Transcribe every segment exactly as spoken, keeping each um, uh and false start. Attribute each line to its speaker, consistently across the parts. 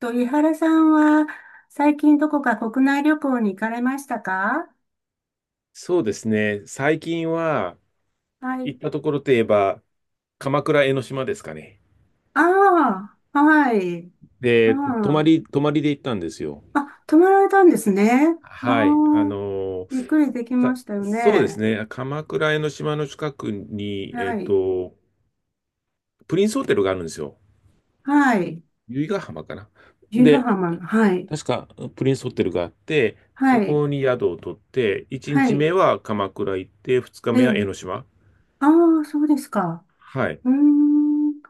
Speaker 1: と、井原さんは最近どこか国内旅行に行かれましたか？
Speaker 2: そうですね。最近は
Speaker 1: は
Speaker 2: 行
Speaker 1: い。
Speaker 2: ったところといえば、鎌倉江ノ島ですかね。
Speaker 1: ああ、はい。あ
Speaker 2: で、泊ま
Speaker 1: あ、
Speaker 2: り、泊まりで行ったんですよ。
Speaker 1: あ、泊まられたんですね。あ
Speaker 2: はい。あ
Speaker 1: あ、
Speaker 2: の
Speaker 1: ゆっく
Speaker 2: ー
Speaker 1: りできま
Speaker 2: か
Speaker 1: したよ
Speaker 2: そうです
Speaker 1: ね。
Speaker 2: ね。鎌倉江ノ島の近くに、えっ
Speaker 1: はい。
Speaker 2: と、プリンスホテルがあるんですよ。
Speaker 1: はい。
Speaker 2: 由比ヶ浜かな。
Speaker 1: 由比ヶ
Speaker 2: で、
Speaker 1: 浜の、はい。
Speaker 2: 確かプリンスホテルがあって、そ
Speaker 1: はい。
Speaker 2: こに宿を取って、1
Speaker 1: は
Speaker 2: 日
Speaker 1: い。
Speaker 2: 目は鎌倉行って、2日
Speaker 1: え
Speaker 2: 目は
Speaker 1: え。
Speaker 2: 江ノ島。
Speaker 1: ああ、そうですか。
Speaker 2: はい。
Speaker 1: うーん。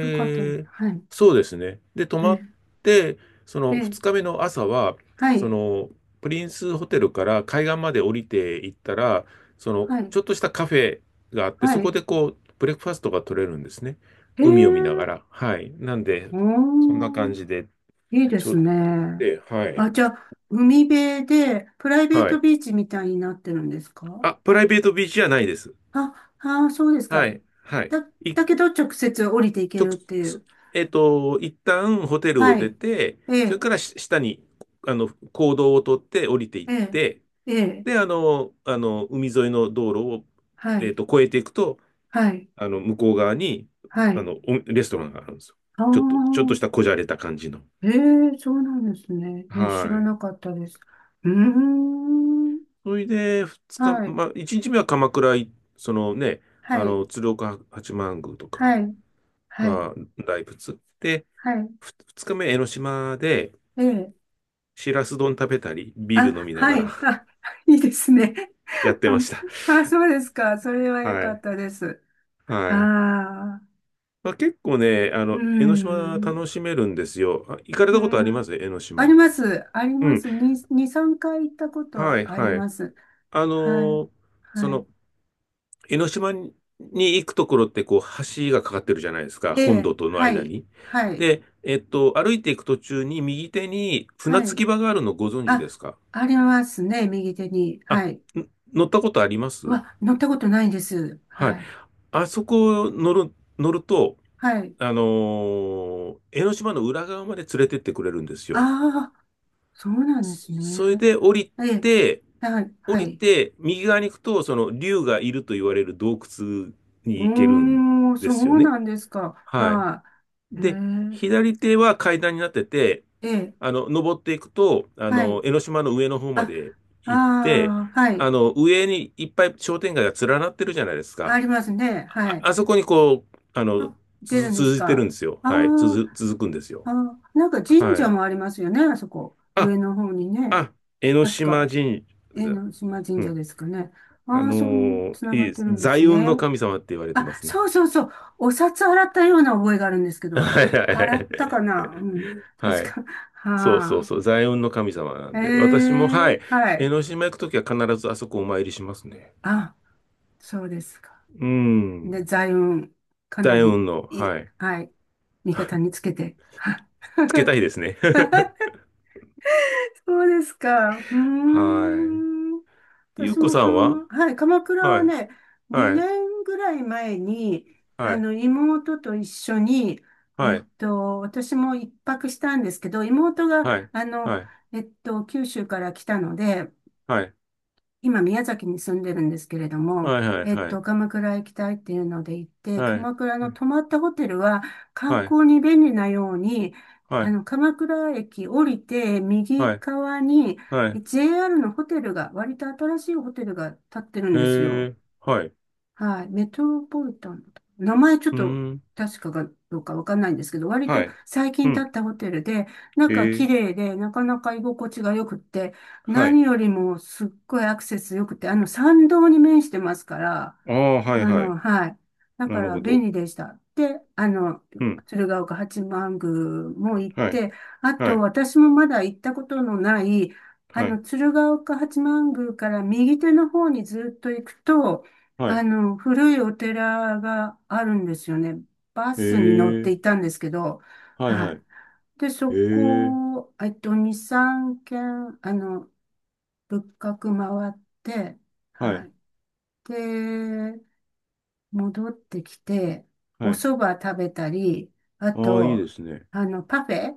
Speaker 1: よかった。はい。
Speaker 2: そうですね。で、泊
Speaker 1: え
Speaker 2: まっ
Speaker 1: え。
Speaker 2: て、その
Speaker 1: え
Speaker 2: 2
Speaker 1: え。
Speaker 2: 日目の朝は、
Speaker 1: は
Speaker 2: そ
Speaker 1: い。
Speaker 2: のプリンスホテルから海岸まで降りていったら、その
Speaker 1: はい。
Speaker 2: ちょっとしたカフェがあって、
Speaker 1: は
Speaker 2: そこ
Speaker 1: い。
Speaker 2: でこう、ブレックファストが取れるんですね。
Speaker 1: え
Speaker 2: 海を見なが
Speaker 1: え。
Speaker 2: ら。はい。なんで、
Speaker 1: お
Speaker 2: そんな
Speaker 1: ー。
Speaker 2: 感じで、
Speaker 1: いいで
Speaker 2: ちょ、
Speaker 1: すね。
Speaker 2: で、はい。
Speaker 1: あ、じゃあ、海辺で、プライベー
Speaker 2: は
Speaker 1: ト
Speaker 2: い。
Speaker 1: ビーチみたいになってるんですか？
Speaker 2: あ、プライベートビーチじゃないです。
Speaker 1: あ、あー、そうですか。
Speaker 2: はい。はい。
Speaker 1: だ、だ
Speaker 2: 一
Speaker 1: けど直接降りていけ
Speaker 2: 直、
Speaker 1: るってい
Speaker 2: そ
Speaker 1: う。
Speaker 2: えっと、一旦ホテルを
Speaker 1: は
Speaker 2: 出
Speaker 1: い。
Speaker 2: て、
Speaker 1: え
Speaker 2: それ
Speaker 1: え、
Speaker 2: からし下に、あの、公道を取って降りていっ
Speaker 1: ええ、
Speaker 2: て、
Speaker 1: ええ、
Speaker 2: で、あの、あの、海沿いの道路を、
Speaker 1: は
Speaker 2: えっ
Speaker 1: い、
Speaker 2: と、越えていくと、
Speaker 1: はい、
Speaker 2: あの、向こう側に、
Speaker 1: は
Speaker 2: あ
Speaker 1: い。
Speaker 2: の、おレストランがあるんですよ。
Speaker 1: あ
Speaker 2: ちょっと、ちょっとした
Speaker 1: あ、
Speaker 2: こじゃれた感じの。
Speaker 1: ええ、そうなんですね。ええ、知
Speaker 2: は
Speaker 1: ら
Speaker 2: い。
Speaker 1: なかったです。うーん。
Speaker 2: それで、二日、
Speaker 1: はい、
Speaker 2: まあ、一日目は鎌倉、い、そのね、
Speaker 1: は
Speaker 2: あ
Speaker 1: い、
Speaker 2: の、鶴岡八幡宮とか
Speaker 1: はい、はい、
Speaker 2: が大仏。で、
Speaker 1: はい。
Speaker 2: ふ二日目、江ノ島で、
Speaker 1: ええ、
Speaker 2: しらす丼食べたり、ビール飲
Speaker 1: あ、
Speaker 2: みなが
Speaker 1: はい、
Speaker 2: ら
Speaker 1: あ、いいですね。
Speaker 2: やってました。
Speaker 1: あ、あ、そうですか。それは良
Speaker 2: は
Speaker 1: かっ
Speaker 2: い。
Speaker 1: たです。
Speaker 2: はい。
Speaker 1: ああ、
Speaker 2: まあ、結構ね、あ
Speaker 1: う
Speaker 2: の、江ノ島
Speaker 1: ん、
Speaker 2: 楽しめるんですよ。あ、行かれ
Speaker 1: う
Speaker 2: たことありま
Speaker 1: ん。
Speaker 2: す江ノ
Speaker 1: あ
Speaker 2: 島？
Speaker 1: ります。あり
Speaker 2: う
Speaker 1: ま
Speaker 2: ん。
Speaker 1: す。に、に、さんかい行ったこと
Speaker 2: は
Speaker 1: は
Speaker 2: い、
Speaker 1: あり
Speaker 2: はい。
Speaker 1: ます。
Speaker 2: あの
Speaker 1: はい。
Speaker 2: ーそ
Speaker 1: はい。
Speaker 2: の、江ノ島に行くところって、こう、橋がかかってるじゃないですか。
Speaker 1: え
Speaker 2: 本
Speaker 1: え、
Speaker 2: 土との
Speaker 1: は
Speaker 2: 間
Speaker 1: い。
Speaker 2: に。
Speaker 1: はい。
Speaker 2: で、えっと、歩いていく途中に右手に船
Speaker 1: は
Speaker 2: 着
Speaker 1: い。
Speaker 2: き場があるのご存知で
Speaker 1: あ、
Speaker 2: すか？
Speaker 1: ありますね。右手に。
Speaker 2: あ、ん
Speaker 1: はい。
Speaker 2: 乗ったことありま
Speaker 1: う
Speaker 2: す？
Speaker 1: わ、乗ったことないです。
Speaker 2: はい。
Speaker 1: はい。
Speaker 2: あそこ乗る、乗ると、
Speaker 1: はい。
Speaker 2: あのー江ノ島の裏側まで連れてってくれるんですよ。
Speaker 1: ああ、そうなんで
Speaker 2: そ
Speaker 1: す
Speaker 2: それ
Speaker 1: ね。
Speaker 2: で降り
Speaker 1: ええ、
Speaker 2: て、
Speaker 1: はい。
Speaker 2: 降
Speaker 1: は
Speaker 2: り
Speaker 1: い。
Speaker 2: て、右側に行くと、その竜がいると言われる洞窟
Speaker 1: う
Speaker 2: に行けるん
Speaker 1: ーん、
Speaker 2: で
Speaker 1: そ
Speaker 2: すよ
Speaker 1: う
Speaker 2: ね。
Speaker 1: なんですか。
Speaker 2: はい。
Speaker 1: はい、へ
Speaker 2: で、左手は階段になってて、
Speaker 1: えええ、
Speaker 2: あの、登っていくと、あ
Speaker 1: は
Speaker 2: の、
Speaker 1: い。
Speaker 2: 江ノ島の上の方ま
Speaker 1: あ、
Speaker 2: で行って、
Speaker 1: ああ、は
Speaker 2: あ
Speaker 1: い。
Speaker 2: の、上にいっぱい商店街が連なってるじゃないです
Speaker 1: あ
Speaker 2: か。
Speaker 1: りますね。は
Speaker 2: あ、
Speaker 1: い。
Speaker 2: あそこにこう、あの、
Speaker 1: あ、
Speaker 2: つ
Speaker 1: 出
Speaker 2: づ
Speaker 1: るんです
Speaker 2: 続いてるん
Speaker 1: か。
Speaker 2: ですよ。
Speaker 1: あ
Speaker 2: はい。
Speaker 1: ー、
Speaker 2: 続、続くんですよ。
Speaker 1: あー、なんか神
Speaker 2: は
Speaker 1: 社
Speaker 2: い。
Speaker 1: もありますよね、あそこ。
Speaker 2: あ、
Speaker 1: 上の方にね。
Speaker 2: あ、江ノ
Speaker 1: 確
Speaker 2: 島
Speaker 1: か、
Speaker 2: 神
Speaker 1: 江
Speaker 2: 社。
Speaker 1: の島神
Speaker 2: う
Speaker 1: 社
Speaker 2: ん。
Speaker 1: ですかね。
Speaker 2: あ
Speaker 1: ああ、
Speaker 2: の
Speaker 1: そう、
Speaker 2: ー
Speaker 1: つな
Speaker 2: い
Speaker 1: が
Speaker 2: い
Speaker 1: っ
Speaker 2: で
Speaker 1: て
Speaker 2: す。
Speaker 1: るんです
Speaker 2: 財運
Speaker 1: ね。
Speaker 2: の神様って言われてま
Speaker 1: あ、
Speaker 2: すね。
Speaker 1: そうそうそう。お札洗ったような覚えがあるんですけ ど、
Speaker 2: はい
Speaker 1: あ、
Speaker 2: はいは
Speaker 1: 洗った
Speaker 2: い。
Speaker 1: かな、うん。
Speaker 2: は
Speaker 1: 確
Speaker 2: い。
Speaker 1: か。
Speaker 2: そうそう
Speaker 1: はあ。
Speaker 2: そう。財運の神様な
Speaker 1: え
Speaker 2: んで。私も、は
Speaker 1: え、
Speaker 2: い。
Speaker 1: は
Speaker 2: 江
Speaker 1: い。
Speaker 2: ノ島行くときは必ずあそこお参りしますね。
Speaker 1: あ、そうですか。
Speaker 2: う
Speaker 1: で、
Speaker 2: ん。
Speaker 1: 財運、かな
Speaker 2: 財
Speaker 1: り、
Speaker 2: 運の、
Speaker 1: い、
Speaker 2: はい。
Speaker 1: はい、味方につけて。は
Speaker 2: つけ たいですね。
Speaker 1: そうですか。うー
Speaker 2: はい。
Speaker 1: ん。
Speaker 2: ゆ
Speaker 1: 私
Speaker 2: うこ
Speaker 1: も
Speaker 2: さ
Speaker 1: か
Speaker 2: んは、
Speaker 1: ま、はい、鎌倉
Speaker 2: は
Speaker 1: は
Speaker 2: い。
Speaker 1: ね、
Speaker 2: は
Speaker 1: 2
Speaker 2: い。
Speaker 1: 年ぐらい前に、
Speaker 2: は
Speaker 1: あ
Speaker 2: い。
Speaker 1: の、妹と一緒に、え
Speaker 2: は
Speaker 1: っ
Speaker 2: い。
Speaker 1: と、私も一泊したんですけど、妹が、
Speaker 2: はい。
Speaker 1: あの、
Speaker 2: はい。
Speaker 1: えっと、九州から来たので、
Speaker 2: はい。
Speaker 1: 今、宮崎に住んでるんですけれども、
Speaker 2: はい。
Speaker 1: えっ
Speaker 2: は
Speaker 1: と、
Speaker 2: い。
Speaker 1: 鎌倉行きたいっていうので行って、
Speaker 2: はい。
Speaker 1: 鎌倉の泊まったホテルは観
Speaker 2: はい。
Speaker 1: 光に便利なように、
Speaker 2: はい。は
Speaker 1: あ
Speaker 2: い。
Speaker 1: の、鎌倉駅降りて右
Speaker 2: はい。
Speaker 1: 側に
Speaker 2: はい。
Speaker 1: ジェーアール のホテルが、割と新しいホテルが建ってるんです
Speaker 2: へ
Speaker 1: よ。
Speaker 2: え。はい。
Speaker 1: はい。メトロポリタンだったかな。名前ちょっ
Speaker 2: う
Speaker 1: と
Speaker 2: ーん。
Speaker 1: 確かかどうかわかんないんですけど、割
Speaker 2: は
Speaker 1: と
Speaker 2: い。
Speaker 1: 最
Speaker 2: う
Speaker 1: 近建
Speaker 2: ん。
Speaker 1: ったホテルで、
Speaker 2: え
Speaker 1: 中綺
Speaker 2: ー、
Speaker 1: 麗で、なかなか居心地が良くって、
Speaker 2: は
Speaker 1: 何
Speaker 2: い。
Speaker 1: よりもすっごいアクセス良くて、あの、参道に面してますから、
Speaker 2: ああ、は
Speaker 1: あ
Speaker 2: いはい。
Speaker 1: の、はい。だ
Speaker 2: な
Speaker 1: か
Speaker 2: る
Speaker 1: ら
Speaker 2: ほ
Speaker 1: 便
Speaker 2: ど。
Speaker 1: 利でした。で、あの、
Speaker 2: うん。
Speaker 1: 鶴岡八幡宮も行っ
Speaker 2: はい。
Speaker 1: て、あ
Speaker 2: は
Speaker 1: と
Speaker 2: い。
Speaker 1: 私もまだ行ったことのない、あ
Speaker 2: は
Speaker 1: の、
Speaker 2: い。
Speaker 1: 鶴岡八幡宮から右手の方にずっと行くと、
Speaker 2: は
Speaker 1: あ
Speaker 2: い。
Speaker 1: の、古いお寺があるんですよね。バ
Speaker 2: え
Speaker 1: スに乗って
Speaker 2: ー、
Speaker 1: いたんですけど、
Speaker 2: はい
Speaker 1: は
Speaker 2: は
Speaker 1: い。
Speaker 2: い。
Speaker 1: で、そ
Speaker 2: えー、
Speaker 1: こ、えっと、に、さんげん軒、あの、仏閣回って、
Speaker 2: は
Speaker 1: は
Speaker 2: い。
Speaker 1: い。で、戻ってきて、お
Speaker 2: はい。
Speaker 1: 蕎麦食べたり、あ
Speaker 2: ああ、いいで
Speaker 1: と、
Speaker 2: すね。
Speaker 1: あの、パフェ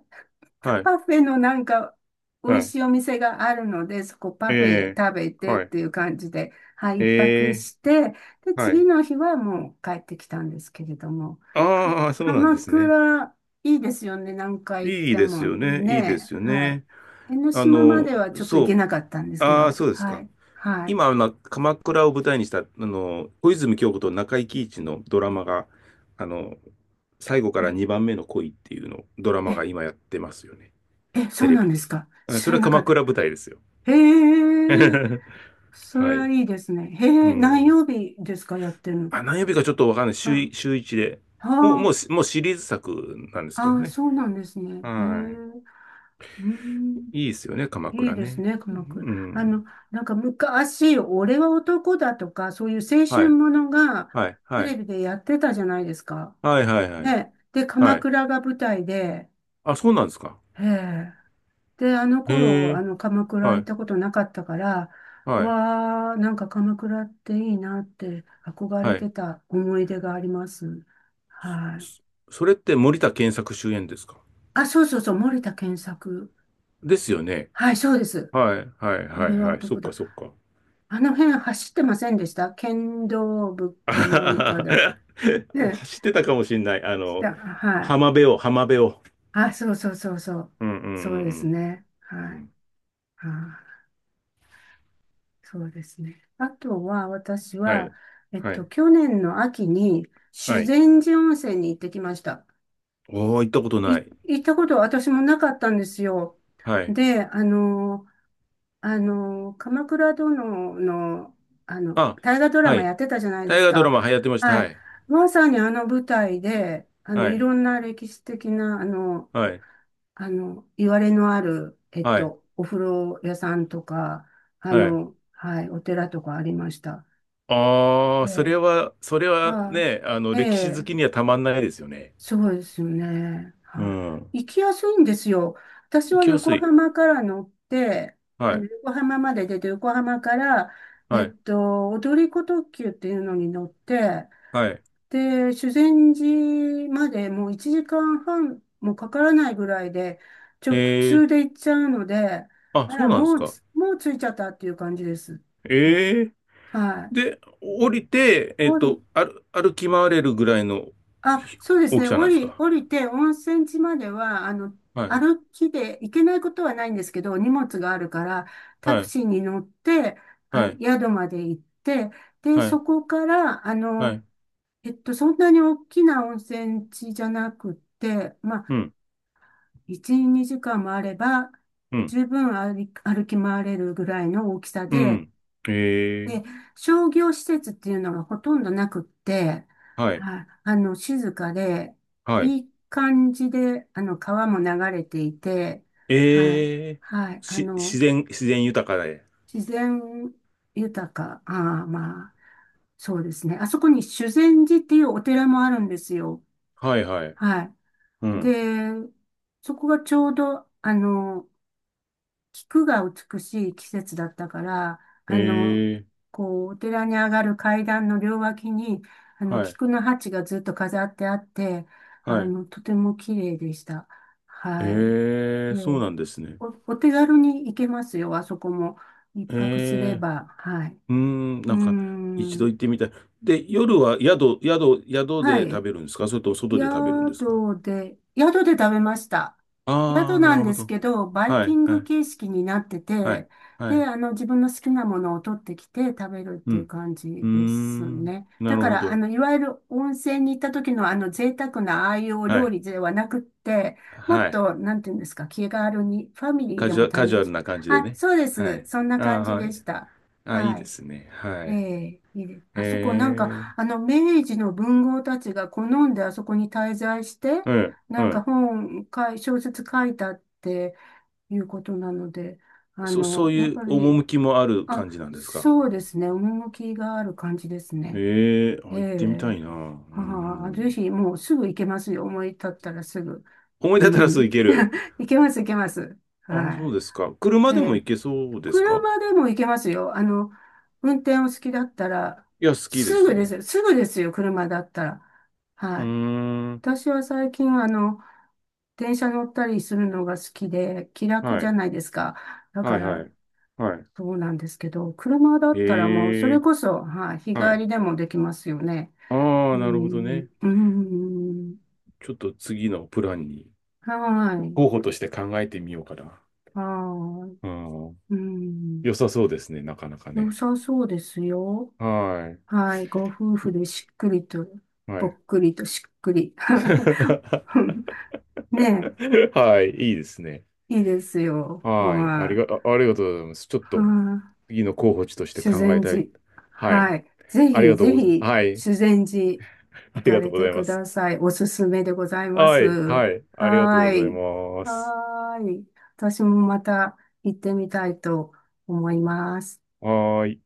Speaker 2: はい。
Speaker 1: パフェのなんか美
Speaker 2: は
Speaker 1: 味し
Speaker 2: い。
Speaker 1: いお店があるので、そこパフェ
Speaker 2: え
Speaker 1: 食べ
Speaker 2: ー、
Speaker 1: てっ
Speaker 2: はい。
Speaker 1: ていう感じで、はい、一泊
Speaker 2: え
Speaker 1: して、で、
Speaker 2: ー、は
Speaker 1: 次
Speaker 2: い。
Speaker 1: の日はもう帰ってきたんですけれども、か、
Speaker 2: ああ、そうなんで
Speaker 1: 鎌
Speaker 2: すね。
Speaker 1: 倉いいですよね、何回行っ
Speaker 2: いい
Speaker 1: て
Speaker 2: です
Speaker 1: も
Speaker 2: よね。いいで
Speaker 1: ね、
Speaker 2: すよ
Speaker 1: はい。
Speaker 2: ね。
Speaker 1: 江ノ
Speaker 2: あ
Speaker 1: 島ま
Speaker 2: の、
Speaker 1: ではちょっと行け
Speaker 2: そ
Speaker 1: なかったんで
Speaker 2: う。
Speaker 1: すけ
Speaker 2: ああ、
Speaker 1: ど、
Speaker 2: そうです
Speaker 1: は
Speaker 2: か。
Speaker 1: い、はい。
Speaker 2: 今、あの、鎌倉を舞台にした、あの、小泉今日子と中井貴一のドラマが、あの、最後か
Speaker 1: え、
Speaker 2: らにばんめの恋っていうの、ドラ
Speaker 1: え、
Speaker 2: マが今やってますよね。
Speaker 1: え、そ
Speaker 2: テ
Speaker 1: う
Speaker 2: レ
Speaker 1: なん
Speaker 2: ビ
Speaker 1: です
Speaker 2: で。
Speaker 1: か。
Speaker 2: あ、
Speaker 1: 知
Speaker 2: そ
Speaker 1: ら
Speaker 2: れは
Speaker 1: なかっ
Speaker 2: 鎌
Speaker 1: た。
Speaker 2: 倉舞台ですよ。
Speaker 1: へえ、そ
Speaker 2: は
Speaker 1: れは
Speaker 2: い。
Speaker 1: いいですね。へ
Speaker 2: う
Speaker 1: え、何
Speaker 2: ん。
Speaker 1: 曜日ですか、やってるの？
Speaker 2: あ、何曜日かちょっとわかんない。週
Speaker 1: あ、
Speaker 2: い、週しゅういちで。
Speaker 1: は
Speaker 2: もう、も
Speaker 1: あ。
Speaker 2: うもうシリーズ作なんですけど
Speaker 1: ああ、
Speaker 2: ね。
Speaker 1: そうなんですね。へえ。
Speaker 2: は
Speaker 1: うー
Speaker 2: い。
Speaker 1: ん。
Speaker 2: いいですよね、鎌
Speaker 1: いい
Speaker 2: 倉
Speaker 1: です
Speaker 2: ね。
Speaker 1: ね、
Speaker 2: う
Speaker 1: 鎌倉。あ
Speaker 2: ん。
Speaker 1: の、なんか昔、俺は男だとか、そういう青
Speaker 2: は
Speaker 1: 春
Speaker 2: い。
Speaker 1: ものが
Speaker 2: はい。
Speaker 1: テ
Speaker 2: は
Speaker 1: レ
Speaker 2: い。
Speaker 1: ビでやってたじゃないですか。
Speaker 2: はい。はい。はい。
Speaker 1: ね。で、
Speaker 2: は
Speaker 1: 鎌
Speaker 2: い。
Speaker 1: 倉が舞台で、
Speaker 2: あ、そうなんですか。
Speaker 1: へえ。で、あの
Speaker 2: へ
Speaker 1: 頃、あ
Speaker 2: え。
Speaker 1: の、鎌倉
Speaker 2: は
Speaker 1: 行っ
Speaker 2: い。
Speaker 1: たことなかったから、
Speaker 2: はい。
Speaker 1: わあ、なんか鎌倉っていいなって憧れ
Speaker 2: はい。
Speaker 1: てた思い出があります。はい。
Speaker 2: それって森田健作主演ですか？
Speaker 1: あ、そうそうそう、森田健作。
Speaker 2: ですよね。
Speaker 1: はい、そうです。
Speaker 2: はい、はい、は
Speaker 1: 俺
Speaker 2: い、
Speaker 1: は
Speaker 2: はい。そ
Speaker 1: 男
Speaker 2: っか、
Speaker 1: だ。
Speaker 2: そっか。
Speaker 1: あの辺走ってませんでした剣道部
Speaker 2: あ
Speaker 1: か
Speaker 2: は
Speaker 1: なん
Speaker 2: は
Speaker 1: かで。
Speaker 2: は
Speaker 1: ね、
Speaker 2: 知ってたかもしれない。あ
Speaker 1: し
Speaker 2: の、
Speaker 1: た、は
Speaker 2: 浜
Speaker 1: い。
Speaker 2: 辺を、浜辺を。
Speaker 1: あ、そうそうそうそう。
Speaker 2: うん、うん、う
Speaker 1: そうです
Speaker 2: ん、
Speaker 1: ね。
Speaker 2: うん。
Speaker 1: は
Speaker 2: う
Speaker 1: い。
Speaker 2: ん、
Speaker 1: あ、そうですね。あとは、私
Speaker 2: は
Speaker 1: は、
Speaker 2: い、
Speaker 1: えっ
Speaker 2: は
Speaker 1: と、
Speaker 2: い、
Speaker 1: 去年の秋に
Speaker 2: は
Speaker 1: 修
Speaker 2: い。
Speaker 1: 善寺温泉に行ってきました。
Speaker 2: おー、行ったこと
Speaker 1: い、
Speaker 2: ない。
Speaker 1: 行ったこと私もなかったんですよ。
Speaker 2: はい。
Speaker 1: で、あの、あの、鎌倉殿の、あの、
Speaker 2: あ、
Speaker 1: 大河ドラ
Speaker 2: は
Speaker 1: マ
Speaker 2: い。
Speaker 1: やってたじゃないで
Speaker 2: 大
Speaker 1: す
Speaker 2: 河ドラ
Speaker 1: か。
Speaker 2: マ流行ってました。
Speaker 1: は
Speaker 2: は
Speaker 1: い。
Speaker 2: い、
Speaker 1: まさにあの舞台で、あの、
Speaker 2: は
Speaker 1: い
Speaker 2: い、
Speaker 1: ろんな歴史的な、あの、
Speaker 2: はい、
Speaker 1: あの、いわれのある、えっ
Speaker 2: はい、
Speaker 1: と、お風呂屋さんとか、あ
Speaker 2: はい。
Speaker 1: の、はい、お寺とかありました。
Speaker 2: ああ、
Speaker 1: え
Speaker 2: それ
Speaker 1: え、
Speaker 2: は、それは
Speaker 1: は
Speaker 2: ね、あの、
Speaker 1: い。え
Speaker 2: 歴史好きに
Speaker 1: え、
Speaker 2: はたまんないですよね。
Speaker 1: そうですよね。
Speaker 2: う
Speaker 1: は
Speaker 2: ん。
Speaker 1: い。行きやすいんですよ。私
Speaker 2: 行
Speaker 1: は
Speaker 2: きやす
Speaker 1: 横
Speaker 2: い。
Speaker 1: 浜から乗って、あ
Speaker 2: は
Speaker 1: の、
Speaker 2: い、
Speaker 1: 横浜まで出て、横浜から、え
Speaker 2: は
Speaker 1: っ
Speaker 2: い、
Speaker 1: と、踊り子特急っていうのに乗って、
Speaker 2: はい。
Speaker 1: で、修善寺までもういちじかんはんもかからないぐらいで、直
Speaker 2: ええ、
Speaker 1: 通で行っちゃうので、
Speaker 2: あ、
Speaker 1: あ
Speaker 2: そ
Speaker 1: ら、
Speaker 2: うなんで
Speaker 1: も
Speaker 2: す
Speaker 1: う
Speaker 2: か。
Speaker 1: つ、もう着いちゃったっていう感じです。はい
Speaker 2: ええ、
Speaker 1: はい。
Speaker 2: で、降りて、えっと、歩、歩き回れるぐらいの
Speaker 1: あ、
Speaker 2: ひ
Speaker 1: そうです
Speaker 2: 大き
Speaker 1: ね。
Speaker 2: さな
Speaker 1: 降
Speaker 2: んです
Speaker 1: り、
Speaker 2: か？
Speaker 1: 降りて、温泉地までは、あの、
Speaker 2: はい、
Speaker 1: 歩きで行けないことはないんですけど、荷物があるから、タ
Speaker 2: は
Speaker 1: ク
Speaker 2: い、
Speaker 1: シーに乗って、
Speaker 2: は
Speaker 1: あ、
Speaker 2: い、
Speaker 1: 宿まで行って、で、
Speaker 2: は
Speaker 1: そ
Speaker 2: い、
Speaker 1: こから、あ
Speaker 2: は
Speaker 1: の、
Speaker 2: い、
Speaker 1: えっと、そんなに大きな温泉地じゃなくって、ま
Speaker 2: う
Speaker 1: あ、
Speaker 2: ん、
Speaker 1: いち、にじかんもあれば、
Speaker 2: うん、
Speaker 1: 十分歩き、歩き回れるぐらいの大きさで、
Speaker 2: うん。ええ、
Speaker 1: で、商業施設っていうのがほとんどなくって、
Speaker 2: はい、
Speaker 1: あ、あの、静かで、
Speaker 2: はい。
Speaker 1: いい感じで、あの、川も流れていて、はい、
Speaker 2: ええ、
Speaker 1: はい、あ
Speaker 2: し、自
Speaker 1: の、
Speaker 2: 然、自然豊かで。
Speaker 1: 自然豊か、ああ、まあ、そうですね。あそこに修善寺っていうお寺もあるんですよ。
Speaker 2: はい、はい、
Speaker 1: は
Speaker 2: う
Speaker 1: い。
Speaker 2: ん。
Speaker 1: で、そこがちょうど、あの、菊が美しい季節だったから、あの、
Speaker 2: ええ、
Speaker 1: こう、お寺に上がる階段の両脇に、あの、
Speaker 2: はい、
Speaker 1: 菊の鉢がずっと飾ってあって、
Speaker 2: は
Speaker 1: あ
Speaker 2: い。
Speaker 1: の、とても綺麗でした。はい。
Speaker 2: ええ、
Speaker 1: え
Speaker 2: そう
Speaker 1: え、
Speaker 2: なんですね。
Speaker 1: お、お手軽に行けますよ、あそこも。一泊すれ
Speaker 2: ええ、
Speaker 1: ば。はい。
Speaker 2: うーん、
Speaker 1: う
Speaker 2: な
Speaker 1: ー
Speaker 2: んか、一度
Speaker 1: ん。
Speaker 2: 行ってみたい。で、夜は宿、宿、宿
Speaker 1: は
Speaker 2: で食
Speaker 1: い。
Speaker 2: べるんですか？それとも外で食べるんですか？
Speaker 1: 宿で、宿で食べました。
Speaker 2: ああ
Speaker 1: 宿
Speaker 2: ー、な
Speaker 1: なん
Speaker 2: るほ
Speaker 1: です
Speaker 2: ど。
Speaker 1: けど、バイ
Speaker 2: は
Speaker 1: キ
Speaker 2: い、
Speaker 1: ン
Speaker 2: は
Speaker 1: グ
Speaker 2: い、
Speaker 1: 形式になって
Speaker 2: はい、
Speaker 1: て、
Speaker 2: は
Speaker 1: で、
Speaker 2: い。
Speaker 1: あの、自分の好きなものを取ってきて食べるっ
Speaker 2: う
Speaker 1: ていう
Speaker 2: ん。
Speaker 1: 感
Speaker 2: うー
Speaker 1: じです
Speaker 2: ん、
Speaker 1: ね。
Speaker 2: な
Speaker 1: だ
Speaker 2: る
Speaker 1: か
Speaker 2: ほ
Speaker 1: ら、あ
Speaker 2: ど。
Speaker 1: の、いわゆる温泉に行った時のあの、贅沢なああいうお
Speaker 2: は
Speaker 1: 料
Speaker 2: い、
Speaker 1: 理ではなくって、もっ
Speaker 2: はい。
Speaker 1: と、なんていうんですか、気軽に、ファミリー
Speaker 2: カ
Speaker 1: で
Speaker 2: ジ
Speaker 1: も
Speaker 2: ュア、カジュア
Speaker 1: 楽
Speaker 2: ル
Speaker 1: しむ。
Speaker 2: な感じで
Speaker 1: あ、
Speaker 2: ね。
Speaker 1: そうで
Speaker 2: は
Speaker 1: す。
Speaker 2: い。
Speaker 1: そんな
Speaker 2: ああ、
Speaker 1: 感じ
Speaker 2: は
Speaker 1: で
Speaker 2: い。
Speaker 1: した。
Speaker 2: あ、いい
Speaker 1: は
Speaker 2: で
Speaker 1: い。
Speaker 2: すね。は
Speaker 1: え
Speaker 2: い。
Speaker 1: え、いいです
Speaker 2: え
Speaker 1: あそこ、なんか、
Speaker 2: え、
Speaker 1: あの、明治の文豪たちが好んであそこに滞在して、
Speaker 2: うん、う
Speaker 1: なんか
Speaker 2: ん。
Speaker 1: 本かい、小説書いたっていうことなので、あ
Speaker 2: そ、そ
Speaker 1: の、
Speaker 2: う
Speaker 1: やっ
Speaker 2: いう
Speaker 1: ぱり、
Speaker 2: 趣もある
Speaker 1: あ、
Speaker 2: 感じなんですか？
Speaker 1: そうですね、趣がある感じですね。
Speaker 2: ええ、
Speaker 1: え
Speaker 2: あ、行ってみた
Speaker 1: え、
Speaker 2: いな。う
Speaker 1: ああ、ぜ
Speaker 2: ん。
Speaker 1: ひもうすぐ行けますよ、思い立ったらすぐ。
Speaker 2: 思い
Speaker 1: う
Speaker 2: 出たらすぐ行
Speaker 1: ん、
Speaker 2: ける。
Speaker 1: 行けます、行けます。
Speaker 2: あ、そう
Speaker 1: は
Speaker 2: ですか。車
Speaker 1: い。え
Speaker 2: でも
Speaker 1: え、
Speaker 2: 行けそうですか？
Speaker 1: 車でも行けますよ。あの、運転お好きだったら、
Speaker 2: いや、好きで
Speaker 1: す
Speaker 2: す
Speaker 1: ぐで
Speaker 2: ね。
Speaker 1: す。すぐですよ、車だったら。
Speaker 2: う
Speaker 1: はい。
Speaker 2: ーん。
Speaker 1: 私は最近、あの、電車乗ったりするのが好きで、気楽
Speaker 2: は
Speaker 1: じゃ
Speaker 2: い。
Speaker 1: ないですか。だ
Speaker 2: は
Speaker 1: か
Speaker 2: い、は
Speaker 1: ら、
Speaker 2: い。は
Speaker 1: そうなんですけど、車だ
Speaker 2: い。
Speaker 1: ったらもう、そ
Speaker 2: へ
Speaker 1: れ
Speaker 2: え。
Speaker 1: こそ、はい、日
Speaker 2: は
Speaker 1: 帰
Speaker 2: い。
Speaker 1: りでもできますよね。
Speaker 2: あ
Speaker 1: う
Speaker 2: あ、なるほど
Speaker 1: ん、
Speaker 2: ね。
Speaker 1: うん、
Speaker 2: ちょっと次のプランに
Speaker 1: はい、
Speaker 2: 候補として考えてみようかな。
Speaker 1: はい、
Speaker 2: うん。
Speaker 1: うん、
Speaker 2: 良さそうですね、なかなか
Speaker 1: 良
Speaker 2: ね。
Speaker 1: さそうですよ。
Speaker 2: はい。
Speaker 1: はい。ご夫婦でしっくりと、
Speaker 2: は
Speaker 1: ぽ
Speaker 2: い。
Speaker 1: っくりとしっくり。ね
Speaker 2: はい、いいですね。
Speaker 1: え、いいですよ。
Speaker 2: はい。あり
Speaker 1: は
Speaker 2: が、
Speaker 1: い。
Speaker 2: あありがとうございます。ちょっと
Speaker 1: は
Speaker 2: 次の候補地とし
Speaker 1: い。
Speaker 2: て
Speaker 1: 修
Speaker 2: 考え
Speaker 1: 善
Speaker 2: たい。
Speaker 1: 寺。
Speaker 2: はい。
Speaker 1: はい。ぜ
Speaker 2: ありが
Speaker 1: ひ、
Speaker 2: とう
Speaker 1: ぜ
Speaker 2: ございま
Speaker 1: ひ、
Speaker 2: す。はい。
Speaker 1: 修善寺
Speaker 2: あ
Speaker 1: 行
Speaker 2: り
Speaker 1: か
Speaker 2: がとう
Speaker 1: れ
Speaker 2: ご
Speaker 1: て
Speaker 2: ざいま
Speaker 1: く
Speaker 2: す。
Speaker 1: ださい。おすすめでございま
Speaker 2: は
Speaker 1: す。
Speaker 2: い、はい、ありがとう
Speaker 1: は
Speaker 2: ござい
Speaker 1: い。
Speaker 2: ます。
Speaker 1: はい。私もまた行ってみたいと思います。
Speaker 2: はーい。